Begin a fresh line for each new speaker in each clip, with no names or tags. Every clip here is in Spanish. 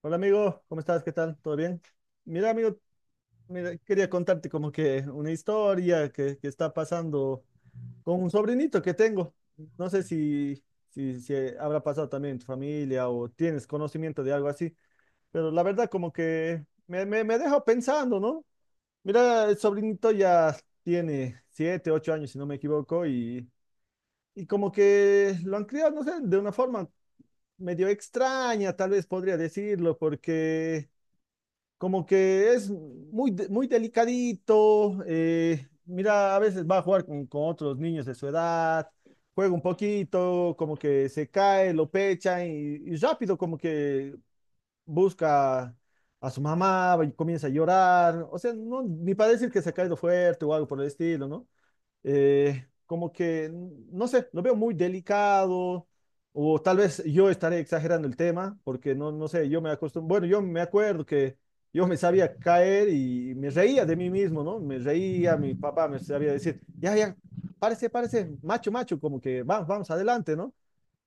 Hola amigo, ¿cómo estás? ¿Qué tal? ¿Todo bien? Mira amigo, mira, quería contarte como que una historia que está pasando con un sobrinito que tengo. No sé si habrá pasado también en tu familia o tienes conocimiento de algo así, pero la verdad como que me deja pensando, ¿no? Mira, el sobrinito ya tiene siete, ocho años, si no me equivoco, y como que lo han criado, no sé, de una forma medio extraña, tal vez podría decirlo, como que es muy delicadito. Mira, a veces va a jugar con otros niños de su edad, juega un poquito, como que se cae, lo pecha y rápido como que busca a su mamá y comienza a llorar. O sea, no, ni para decir que se ha caído fuerte o algo por el estilo, ¿no? eh, como que, no sé, lo veo muy delicado, o tal vez yo estaré exagerando el tema, porque no sé, yo me acostumbro, bueno, yo me acuerdo que yo me sabía caer y me reía de mí mismo, ¿no? Me reía, mi papá me sabía decir, ya, ya, párese, párese, macho, macho, como que vamos, vamos adelante, ¿no?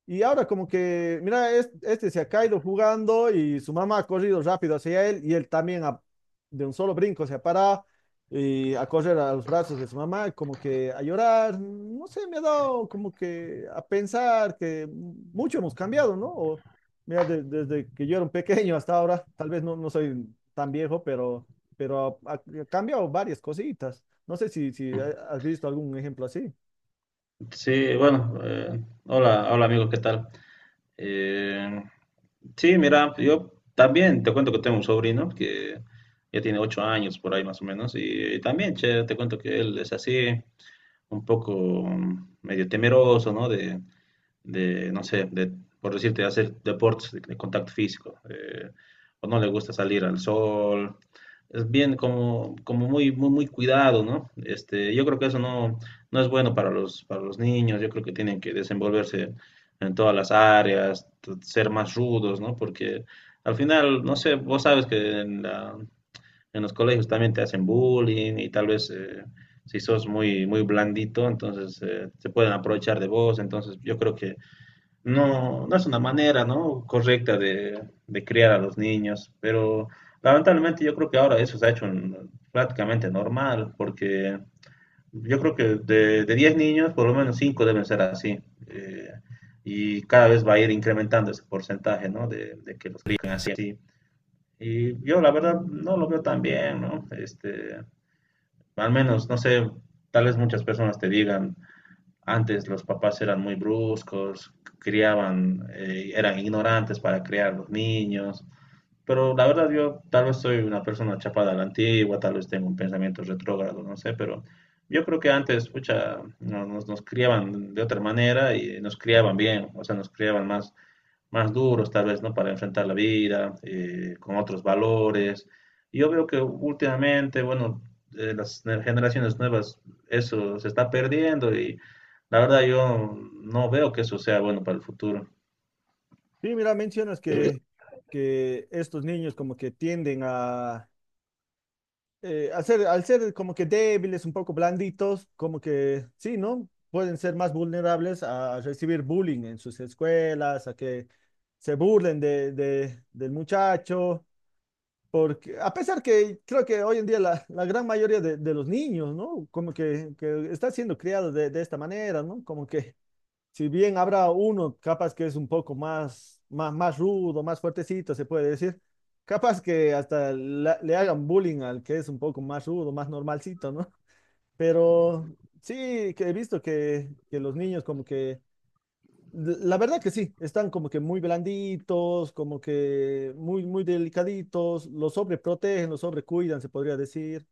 Y ahora como que, mira, este se ha caído jugando y su mamá ha corrido rápido hacia él y él también de un solo brinco se ha parado y a correr a los brazos de su mamá, como que a llorar, no sé, me ha dado como que a pensar que mucho hemos cambiado, ¿no? O, mira, desde que yo era un pequeño hasta ahora, tal vez no soy tan viejo, pero ha cambiado varias cositas. No sé si has visto algún ejemplo así.
Sí, bueno, hola, hola amigo, ¿qué tal? Eh, sí, mira, yo también te cuento que tengo un sobrino que ya tiene 8 años por ahí más o menos y, también, che, te cuento que él es así un poco medio temeroso, ¿no? De, no sé, de, por decirte, hacer deportes de contacto físico, o no le gusta salir al sol, es bien como muy, muy, muy cuidado, ¿no? Este, yo creo que eso no es bueno para los niños, yo creo que tienen que desenvolverse en todas las áreas, ser más rudos, ¿no? Porque al final, no sé, vos sabes que en los colegios también te hacen bullying y tal vez si sos muy, muy blandito, entonces se pueden aprovechar de vos. Entonces yo creo que no es una manera, ¿no?, correcta de criar a los niños, pero lamentablemente yo creo que ahora eso se ha hecho prácticamente normal, porque yo creo que de 10 niños, por lo menos 5 deben ser así. eh, y cada vez va a ir incrementando ese porcentaje, ¿no? De que los crían así. Y yo la verdad no lo veo tan bien, ¿no? Este, al menos, no sé, tal vez muchas personas te digan, antes los papás eran muy bruscos, criaban, eran ignorantes para criar los niños, pero la verdad yo tal vez soy una persona chapada a la antigua, tal vez tengo un pensamiento retrógrado, no sé, pero yo creo que antes, pucha, nos criaban de otra manera y nos criaban bien, o sea, nos criaban más duros tal vez, ¿no? Para enfrentar la vida, con otros valores. Y yo veo que últimamente, bueno, las generaciones nuevas, eso se está perdiendo y la verdad yo no veo que eso sea bueno para el futuro.
Sí, mira, mencionas que estos niños como que tienden al ser como que débiles, un poco blanditos, como que sí, ¿no? Pueden ser más vulnerables a recibir bullying en sus escuelas, a que se burlen del muchacho, porque a pesar que creo que hoy en día la gran mayoría de los niños, ¿no? Como que está siendo criados de esta manera, ¿no? Como que si bien habrá uno capaz que es un poco más rudo, más fuertecito, se puede decir, capaz que hasta le hagan bullying al que es un poco más rudo, más normalcito, ¿no? Pero sí, que he visto que los niños como que, la verdad que sí, están como que muy blanditos, como que muy, muy delicaditos, los sobreprotegen, los sobrecuidan, se podría decir.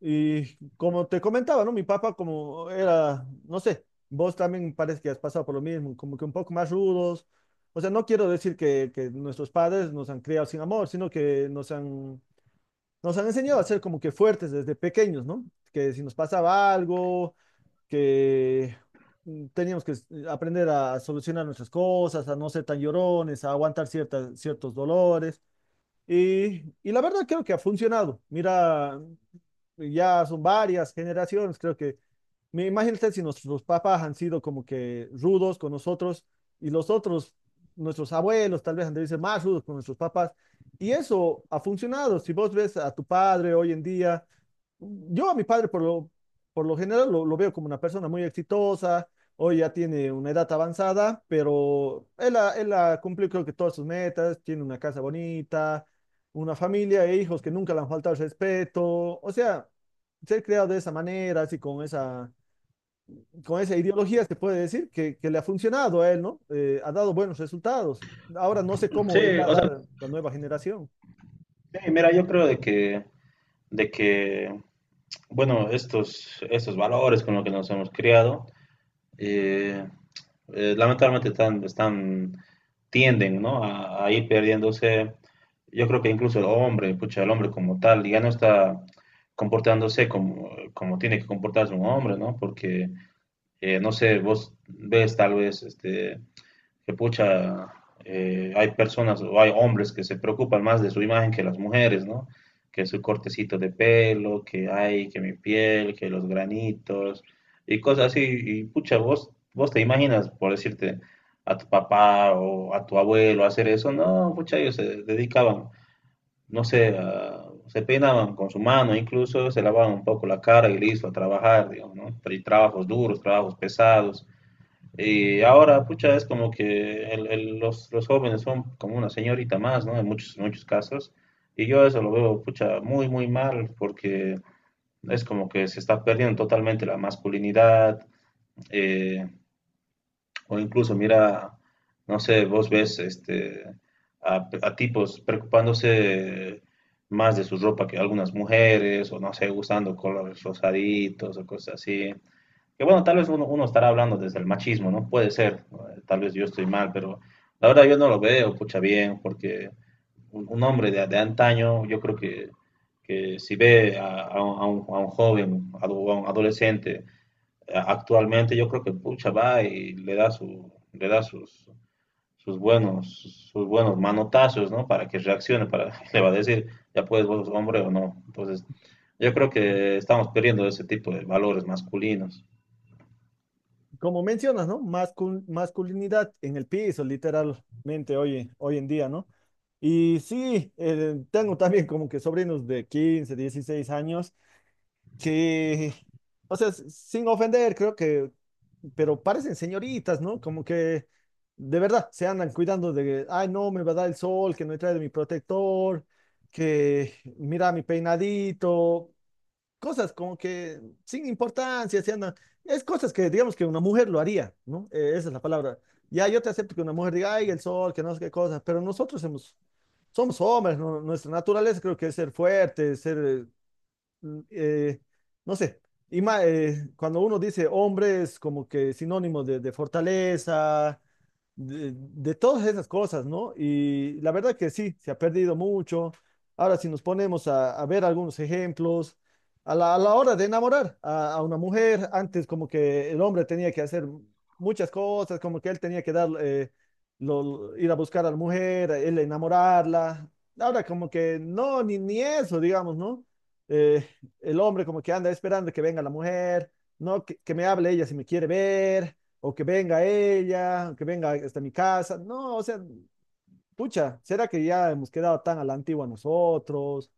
Y como te comentaba, ¿no? Mi papá como era, no sé, vos también parece que has pasado por lo mismo, como que un poco más rudos. O sea, no quiero decir que nuestros padres nos han criado sin amor, sino que nos han enseñado a ser como que fuertes desde pequeños, ¿no? Que si nos pasaba algo, que teníamos que aprender a solucionar nuestras cosas, a no ser tan llorones, a aguantar ciertas, ciertos dolores. Y la verdad creo que ha funcionado. Mira, ya son varias generaciones, creo que, me imagínate si nuestros papás han sido como que rudos con nosotros y los otros, nuestros abuelos tal vez han de ser más rudos con nuestros papás. Y eso ha funcionado. Si vos ves a tu padre hoy en día yo a mi padre, por lo general, lo veo como una persona muy exitosa. Hoy ya tiene una edad avanzada, pero él ha cumplido creo que todas sus metas. Tiene una casa bonita, una familia e hijos que nunca le han faltado el respeto. O sea, ser creado de esa manera, así con esa ideología, se puede decir que le ha funcionado a él, ¿no? Ha dado buenos resultados. Ahora no sé cómo
Sí,
irá a
o sea,
dar la nueva generación.
sí, mira, yo creo de que bueno, estos valores con los que nos hemos criado, eh, lamentablemente tienden, ¿no? A ir perdiéndose. Yo creo que incluso el hombre, pucha, el hombre como tal, ya no está comportándose como tiene que comportarse un hombre, ¿no? Porque, no sé, vos ves tal vez este, que pucha, hay personas o hay hombres que se preocupan más de su imagen que las mujeres, ¿no? Que su cortecito de pelo, que hay, que mi piel, que los granitos y cosas así. Y pucha, vos te imaginas, por decirte, a tu papá o a tu abuelo hacer eso. No, pucha, ellos se dedicaban, no sé, se peinaban con su mano, incluso se lavaban un poco la cara y listo, a trabajar, digamos, ¿no? Y trabajos duros, trabajos pesados y ahora, pucha, es como que los jóvenes son como una señorita más, ¿no? En muchos, muchos casos. Y yo eso lo veo, pucha, muy, muy mal, porque es como que se está perdiendo totalmente la masculinidad. eh, o incluso, mira, no sé, vos ves este, a tipos preocupándose más de su ropa que algunas mujeres, o no sé, usando colores rosaditos o cosas así que bueno, tal vez uno estará hablando desde el machismo, ¿no? Puede ser, tal vez yo estoy mal, pero la verdad yo no lo veo, pucha, bien, porque un hombre de antaño, yo creo que si ve a un joven, a un adolescente, actualmente yo creo que pucha va y le da su, le da sus, sus buenos, sus buenos manotazos, ¿no? Para que reaccione, para le va a decir, ya puedes vos, hombre o no. Entonces, yo creo que estamos perdiendo ese tipo de valores masculinos.
Como mencionas, ¿no? Masculinidad en el piso, literalmente, hoy en día, ¿no? Y sí, tengo también como que sobrinos de 15, 16 años que, o sea, sin ofender, creo que, pero parecen señoritas, ¿no? Como que de verdad se andan cuidando que, ay, no, me va a dar el sol, que no he traído mi protector, que mira mi peinadito cosas como que sin importancia, se andan, es cosas que digamos que una mujer lo haría, ¿no? Esa es la palabra. Ya yo te acepto que una mujer diga, ay, el sol, que no sé qué cosas, pero nosotros hemos, somos hombres, ¿no? Nuestra naturaleza creo que es ser fuerte, mm, eh, no sé, y cuando uno dice hombre es como que sinónimo de fortaleza, de todas esas cosas, ¿no? Y la verdad que sí, se ha perdido mucho. Ahora, si nos ponemos a ver algunos ejemplos, a la hora de enamorar a una mujer, antes como que el hombre tenía que hacer muchas cosas, como que él tenía que dar, ir a buscar a la mujer, él enamorarla. Ahora como que no, ni eso, digamos, ¿no? Eh, el hombre como que anda esperando que venga la mujer, no, que me hable ella si me quiere ver, o que venga ella, o que venga hasta mi casa. No, o sea, pucha, ¿será que ya hemos quedado tan a la antigua nosotros?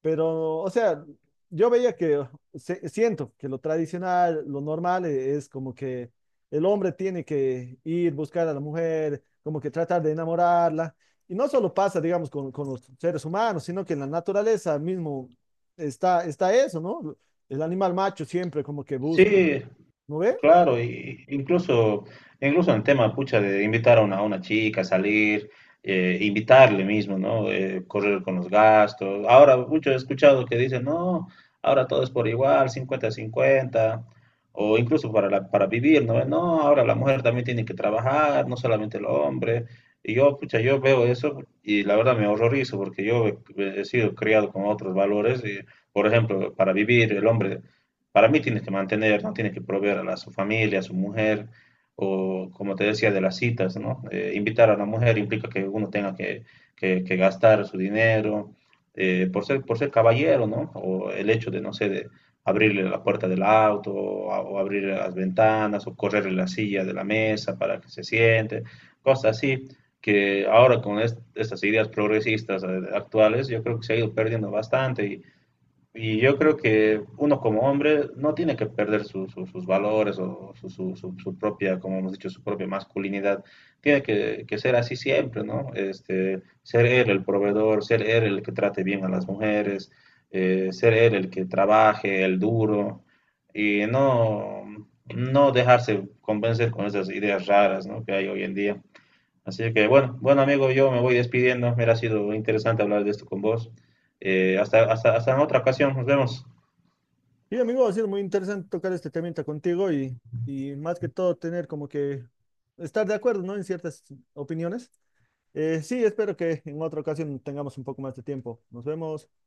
Pero, o sea, yo veía que, se- siento que lo tradicional, lo normal es como que el hombre tiene que ir buscar a la mujer, como que tratar de enamorarla. Y no solo pasa, digamos, con los seres humanos, sino que en la naturaleza mismo está eso, ¿no? El animal macho siempre como que busca,
Sí,
¿no ve?
claro, incluso en el tema, pucha, de invitar a una chica a salir, invitarle mismo, ¿no? Correr con los gastos. Ahora, mucho he escuchado que dicen, no, ahora todo es por igual, 50-50, o incluso para vivir, ¿no? No, ahora la mujer también tiene que trabajar, no solamente el hombre. Y yo, pucha, yo veo eso y la verdad me horrorizo porque yo he sido criado con otros valores y, por ejemplo, para vivir el hombre para mí tienes que mantener, ¿no? Tienes que proveer a su familia, a su mujer, o como te decía, de las citas, ¿no? Invitar a la mujer implica que uno tenga que gastar su dinero, por ser caballero, ¿no? O el hecho de, no sé, de abrirle la puerta del auto, o, o abrirle las ventanas, o correrle la silla de la mesa para que se siente, cosas así, que ahora con estas ideas progresistas actuales, yo creo que se ha ido perdiendo bastante y yo creo que uno como hombre no tiene que perder sus valores o su propia, como hemos dicho, su propia masculinidad. Tiene que ser así siempre, ¿no? Este, ser él el proveedor, ser él el que trate bien a las mujeres, ser él el que trabaje, el duro, y no dejarse convencer con esas ideas raras, ¿no?, que hay hoy en día. Así que bueno, bueno amigo, yo me voy despidiendo. Mira, ha sido interesante hablar de esto con vos. Hasta en otra ocasión, nos vemos.
Sí, amigo, ha sido muy interesante tocar este temita contigo y más que todo tener como que estar de acuerdo, ¿no? En ciertas opiniones. Sí, espero que en otra ocasión tengamos un poco más de tiempo. Nos vemos.